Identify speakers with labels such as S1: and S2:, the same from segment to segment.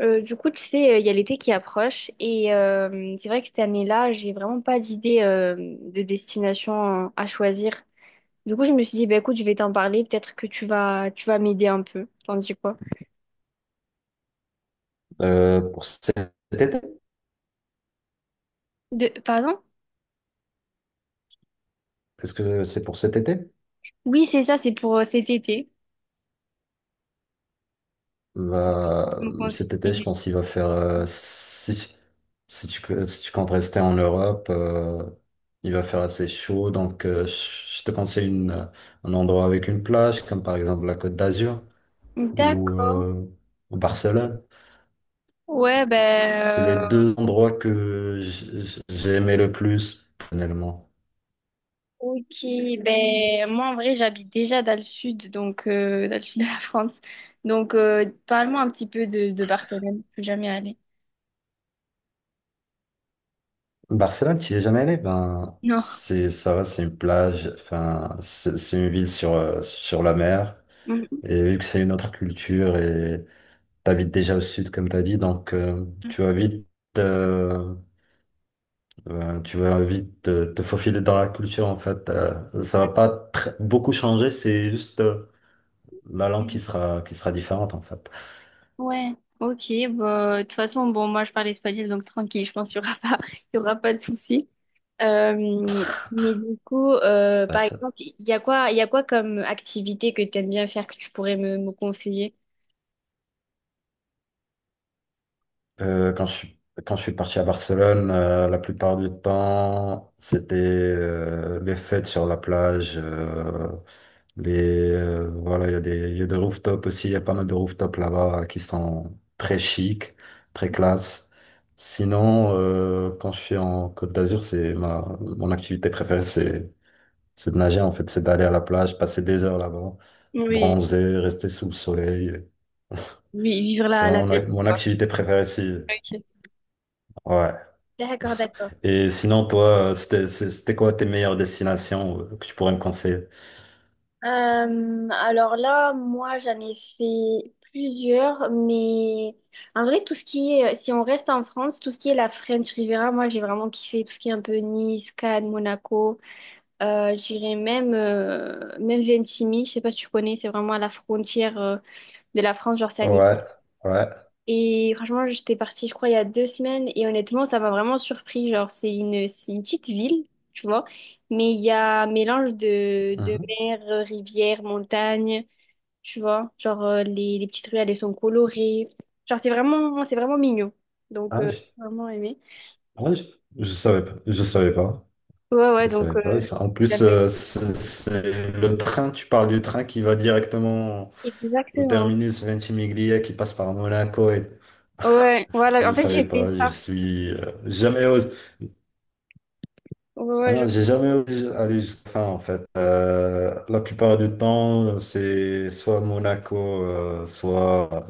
S1: Du coup, tu sais, il y a l'été qui approche et c'est vrai que cette année-là, j'ai vraiment pas d'idée de destination à choisir. Du coup, je me suis dit, bah, écoute, je vais t'en parler, peut-être que tu vas m'aider un peu. T'en dis quoi?
S2: Pour cet été?
S1: Pardon?
S2: Est-ce que c'est pour cet été?
S1: Oui, c'est ça, c'est pour cet été.
S2: Va,
S1: Donc, on s'est
S2: cet été, je
S1: aidé.
S2: pense qu'il va faire, si, si tu comptes rester en Europe, il va faire assez chaud. Donc, je te conseille une, un endroit avec une plage, comme par exemple la Côte d'Azur ou
S1: D'accord.
S2: euh, ou Barcelone. C'est
S1: Ouais, ben,
S2: c'est les deux endroits que j'ai aimé le plus, personnellement.
S1: ok. Ben, moi, en vrai, j'habite déjà dans le sud, donc dans le sud de la France. Donc, parle-moi un petit peu de Barcelone. Je suis jamais allée.
S2: Barcelone, tu n'y es jamais allé? Ben,
S1: Non.
S2: c'est, ça va, c'est une plage, enfin, c'est une ville sur, sur la mer.
S1: Mm-hmm.
S2: Et vu que c'est une autre culture et t'habites déjà au sud, comme t'as dit, donc euh, tu vas vite te faufiler dans la culture, en fait. Ça va pas beaucoup changer, c'est juste la langue qui sera différente, en fait.
S1: Ouais, ok, bah, de toute façon, bon, moi je parle espagnol, donc tranquille, je pense qu'il n'y aura pas, il y aura pas de souci. Euh, mais du coup, par exemple, il y a quoi comme activité que tu aimes bien faire que tu pourrais me conseiller?
S2: Euh, quand je suis, Quand je suis parti à Barcelone, la plupart du temps, c'était les fêtes sur la plage. Voilà, il y a des, il y a des rooftops aussi. Il y a pas mal de rooftops là-bas qui sont très chics, très classe. Sinon, quand je suis en Côte d'Azur, c'est ma, mon activité préférée, c'est de nager en fait, c'est d'aller à la plage, passer des heures là-bas,
S1: Oui,
S2: bronzer, rester sous le soleil.
S1: oui, vivre
S2: C'est
S1: la
S2: vraiment
S1: belle vie,
S2: mon
S1: quoi.
S2: activité préférée ici.
S1: Ok.
S2: Ouais.
S1: D'accord, d'accord.
S2: Et sinon, toi, c'était quoi tes meilleures destinations que tu pourrais me conseiller?
S1: Alors là, moi, j'en ai fait plusieurs, mais en vrai, tout ce qui est, si on reste en France, tout ce qui est la French Riviera, moi, j'ai vraiment kiffé tout ce qui est un peu Nice, Cannes, Monaco. J'irais même, même Ventimille, je sais pas si tu connais, c'est vraiment à la frontière, de la France, genre c'est en
S2: Ouais,
S1: Italie.
S2: ouais.
S1: Et franchement, j'étais partie, je crois, il y a 2 semaines, et honnêtement, ça m'a vraiment surpris. Genre, c'est une petite ville, tu vois, mais il y a un mélange de,
S2: Mhm.
S1: mer, rivière, montagne, tu vois. Genre, les petites ruelles, elles sont colorées. Genre, c'est vraiment mignon. Donc,
S2: Ah, je,
S1: j'ai vraiment aimé.
S2: ah, je- je savais pas. Je savais pas.
S1: Ouais, ouais,
S2: Je
S1: donc,
S2: savais pas. Ça. En plus,
S1: j'avais-
S2: c'est le train, tu parles du train qui va directement au
S1: exactement.
S2: terminus Ventimiglia, qui passe par Monaco. Et...
S1: Ouais, voilà,
S2: Je
S1: en fait,
S2: savais
S1: j'ai fait
S2: pas. Je
S1: ça.
S2: suis jamais osé.
S1: Ouais,
S2: Ah
S1: ouais, genre,
S2: non, j'ai jamais osé aller jusqu'à la fin en fait. La plupart du temps, c'est soit Monaco, soit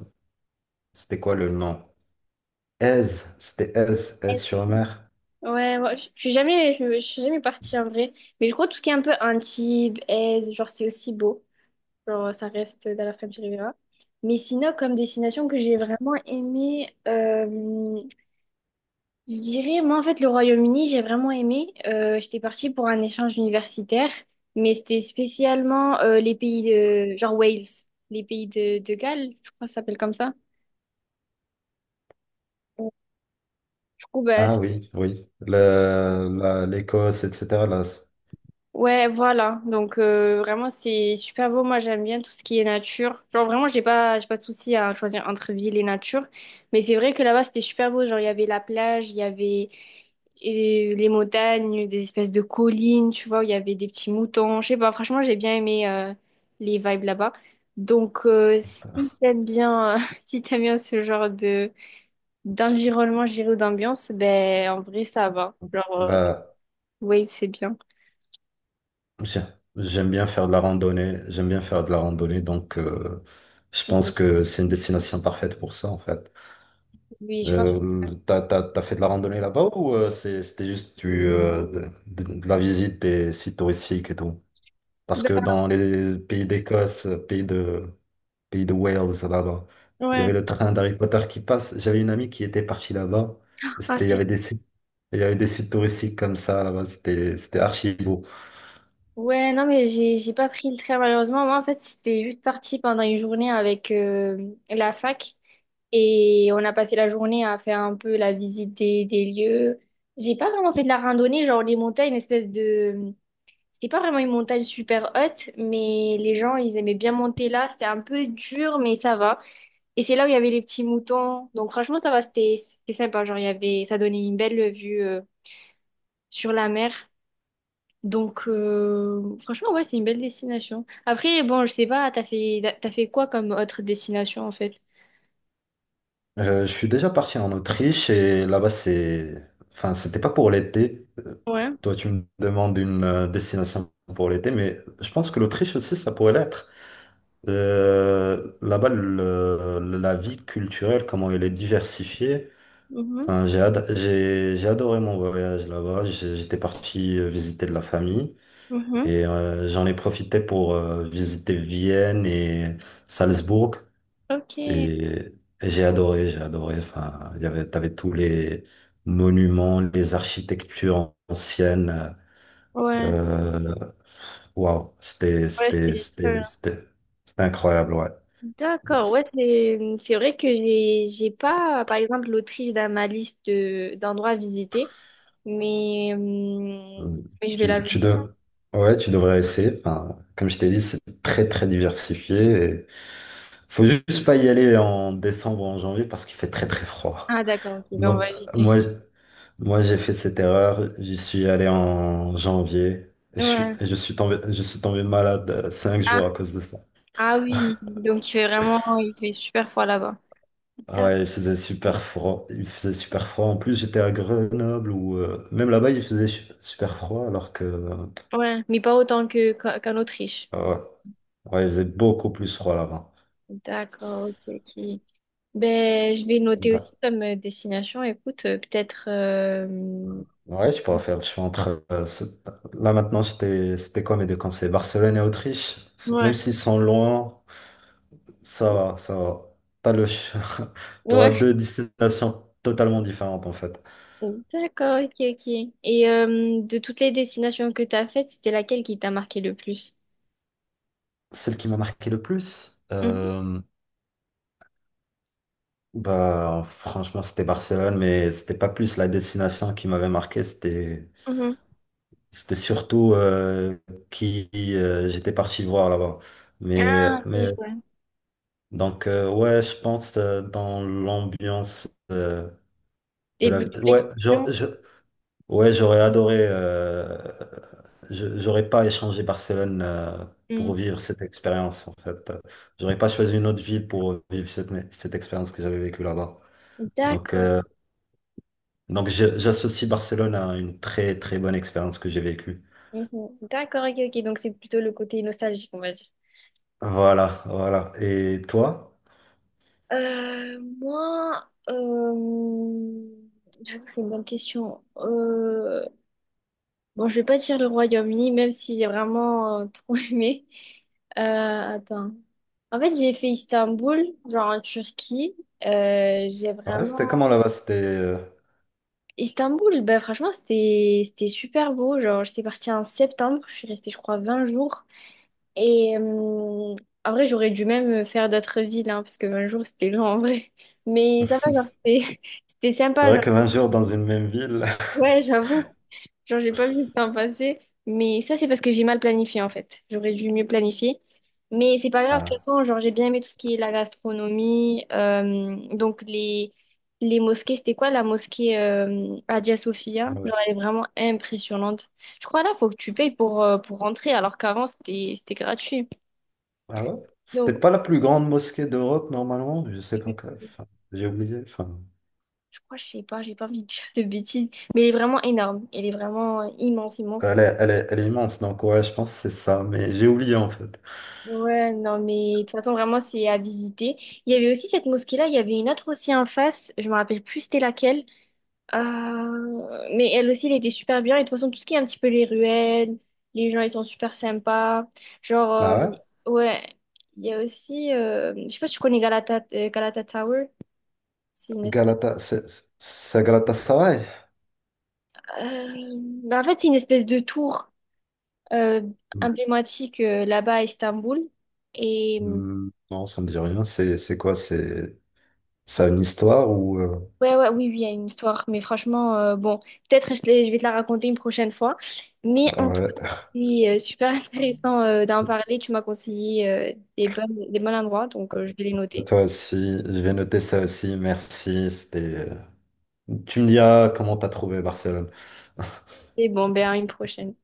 S2: c'était quoi le nom? Aise, c'était Aise, Aise-sur-Mer.
S1: ouais, ouais, je suis jamais partie en vrai. Mais je crois tout ce qui est un peu Antibes, Aise, genre, c'est aussi beau. Genre, ça reste dans la French Riviera. Mais sinon, comme destination que j'ai vraiment aimé, je dirais, moi en fait, le Royaume-Uni, j'ai vraiment aimé. J'étais partie pour un échange universitaire, mais c'était spécialement les pays de, genre Wales, les pays de Galles, je crois que ça s'appelle comme ça. Euh, Du coup, bah,
S2: Ah
S1: ça...
S2: oui, oui. L'Écosse, etc. Là,
S1: Ouais, voilà. Donc vraiment c'est super beau. Moi j'aime bien tout ce qui est nature. Genre vraiment j'ai pas de souci à choisir entre ville et nature. Mais c'est vrai que là-bas c'était super beau. Genre il y avait la plage, il y avait les montagnes, des espèces de collines, tu vois, où il y avait des petits moutons. Je sais pas. Franchement j'ai bien aimé les vibes là-bas. Donc si t'aimes bien si t'aimes bien ce genre de d'environnement, je dirais, ou d'ambiance, ben en vrai ça va. Genre
S2: bah,
S1: ouais, c'est bien.
S2: j'ai- j'aime bien faire de la randonnée. J'aime bien faire de la randonnée, donc je pense
S1: Ouais.
S2: que c'est une destination parfaite pour ça en fait.
S1: Oui, je pense.
S2: T'as fait de la randonnée là-bas ou c'était juste de la visite des sites touristiques et tout? Parce
S1: Ben,
S2: que dans les pays d'Écosse, pays de Wales, là-bas, il y
S1: ouais.
S2: avait le train d'Harry Potter qui passe. J'avais une amie qui était partie là-bas.
S1: Ah,
S2: Il y
S1: c'est-
S2: avait des sites, il y avait des sites touristiques comme ça là-bas. C'était archi beau.
S1: Ouais, non, mais j'ai pas pris le train malheureusement. Moi, en fait, c'était juste parti pendant une journée avec la fac et on a passé la journée à faire un peu la visite des lieux. J'ai pas vraiment fait de la randonnée, genre les montagnes, une espèce de... C'était pas vraiment une montagne super haute, mais les gens, ils aimaient bien monter là. C'était un peu dur, mais ça va. Et c'est là où il y avait les petits moutons. Donc franchement, ça va, c'était sympa. Genre, il y avait... ça donnait une belle vue sur la mer. Donc, franchement, ouais, c'est une belle destination. Après, bon, je sais pas, t'as fait quoi comme autre destination, en fait?
S2: Je suis déjà parti en Autriche et là-bas, c'est... Enfin, c'était pas pour l'été.
S1: Ouais.
S2: Toi, tu me demandes une destination pour l'été, mais je pense que l'Autriche aussi, ça pourrait l'être. Là-bas, la vie culturelle, comment elle est diversifiée.
S1: Mhm.
S2: Enfin, j'ai adoré mon voyage là-bas. J'étais parti visiter de la famille
S1: Mhm.
S2: et j'en ai profité pour visiter Vienne et Salzbourg.
S1: Ok.
S2: Et et j'ai adoré, j'ai adoré. Enfin, il y avait, t'avais tous les monuments, les architectures anciennes.
S1: Ouais.
S2: Euh, Waouh,
S1: Ouais, c'est...
S2: c'était incroyable, ouais.
S1: D'accord. Ouais,
S2: C'est-
S1: c'est vrai que j'ai pas, par exemple, l'Autriche dans ma liste d'endroits à visiter, mais, hum,
S2: Euh,
S1: mais je vais
S2: Tu, tu
S1: l'ajouter.
S2: dev- ouais, tu devrais essayer. Enfin, comme je t'ai dit, c'est très, très diversifié. Et faut juste pas y aller en décembre ou en janvier parce qu'il fait très, très froid.
S1: Ah, d'accord. Ok, ben on
S2: Moi,
S1: va éviter.
S2: moi, Moi, j'ai fait cette erreur. J'y suis allé en janvier.
S1: Ouais.
S2: Je suis tombé malade cinq
S1: Ah,
S2: jours à cause de ça.
S1: ah oui. Donc, il fait vraiment, il fait super froid là-bas.
S2: Ah ouais, il faisait super froid. Il faisait super froid. En plus, j'étais à Grenoble ou même là-bas, super froid alors que
S1: Ouais, mais pas autant que, qu'en Autriche.
S2: ouais, ouais, il faisait beaucoup plus froid là-bas.
S1: D'accord, ok, ok. Ben, je vais noter
S2: Bah,
S1: aussi comme destination, écoute, peut-être...
S2: ouais, je pourrais faire. Je suis entre là maintenant, c'était quoi mes deux conseils? Barcelone et Autriche. Même
S1: Ouais.
S2: s'ils sont loin. Ça va, ça va. T'as le... T'auras
S1: Ouais,
S2: deux destinations totalement différentes en fait.
S1: d'accord, ok, ok. Et de toutes les destinations que tu as faites, c'était laquelle qui t'a marqué le plus?
S2: Celle qui m'a marqué le plus,
S1: Mhm,
S2: bah franchement c'était Barcelone, mais c'était pas plus la destination qui m'avait marqué, c'était
S1: mhm.
S2: c'était surtout qui j'étais parti voir là-bas. Mais
S1: Ah,
S2: mais
S1: ok, ouais.
S2: donc ouais, je pense dans l'ambiance de
S1: Et
S2: la
S1: plutôt
S2: ouais,
S1: l'expérience.
S2: genre, je- ouais, j'aurais adoré. J'aurais pas échangé Barcelone
S1: Mm.
S2: pour vivre cette expérience, en fait. J'aurais pas choisi une autre ville pour vivre cette expérience que j'avais vécue là-bas. Donc,
S1: D'accord. Ok.
S2: j'associe Barcelone à une très très bonne expérience que j'ai vécue.
S1: Mhm. D'accord, ok, ok. Donc c'est plutôt le côté nostalgique, on va dire.
S2: Voilà, voilà. Et toi?
S1: Moi, j'avoue que c'est une bonne question. Bon, je vais pas dire le Royaume-Uni, même si j'ai vraiment trop aimé. Attends. En fait, j'ai fait Istanbul, genre en Turquie. J'ai
S2: Ouais, c'était
S1: vraiment...
S2: comment là-bas? C'était.
S1: Istanbul, ben, franchement, c'était super beau. Genre, j'étais partie en septembre, je suis restée, je crois, 20 jours. Et en vrai, j'aurais dû même faire d'autres villes, hein, parce que 20 jours, c'était long en vrai. Mais ça va, genre, c'était c'était
S2: C'est
S1: sympa.
S2: vrai
S1: Genre.
S2: que 20 jours dans une même ville.
S1: Ouais, j'avoue. Genre, j'ai pas vu le temps passer. Mais ça, c'est parce que j'ai mal planifié, en fait. J'aurais dû mieux planifier. Mais c'est pas grave, de toute
S2: Ah,
S1: façon, genre, j'ai bien aimé tout ce qui est la gastronomie, donc, les, mosquées, c'était quoi la mosquée Hagia Sophia?
S2: ouais.
S1: Genre, elle est vraiment impressionnante. Je crois là, faut que tu payes pour rentrer, alors qu'avant, c'était gratuit.
S2: Ah ouais? C'était
S1: Donc,
S2: pas la plus grande mosquée d'Europe normalement, je sais pas. Quoi. Enfin, j'ai oublié. Enfin.
S1: je crois, je sais pas, j'ai pas envie de dire de bêtises, mais elle est vraiment énorme. Elle est vraiment immense, immense.
S2: Elle est immense, donc ouais, je pense que c'est ça, mais j'ai oublié en fait.
S1: Ouais, non, mais de toute façon, vraiment, c'est à visiter. Il y avait aussi cette mosquée-là, il y avait une autre aussi en face, je me rappelle plus c'était laquelle. Mais elle aussi, elle était super bien. Et de toute façon, tout ce qui est un petit peu les ruelles, les gens, ils sont super sympas. Genre,
S2: Ah ouais?
S1: ouais, il y a aussi, je sais pas si tu connais Galata, Galata Tower. C'est une espèce...
S2: Galata, c'est Galatasaray?
S1: euh, bah, en fait, c'est une espèce de tour, euh,
S2: Hmm,
S1: emblématique là-bas à Istanbul. Et
S2: Non, ça me dit rien. C'est quoi? C'est ça a une histoire ou
S1: ouais, ouais, oui, oui, il y a une histoire. Mais franchement, bon, peut-être je vais te la raconter une prochaine fois. Mais en tout cas,
S2: ouais.
S1: c'est super intéressant d'en parler. Tu m'as conseillé des bons endroits, donc je vais les
S2: Bah,
S1: noter.
S2: toi aussi, je vais noter ça aussi. Merci. C'était. Tu me diras comment t'as trouvé Barcelone.
S1: Et bon, ben à une prochaine.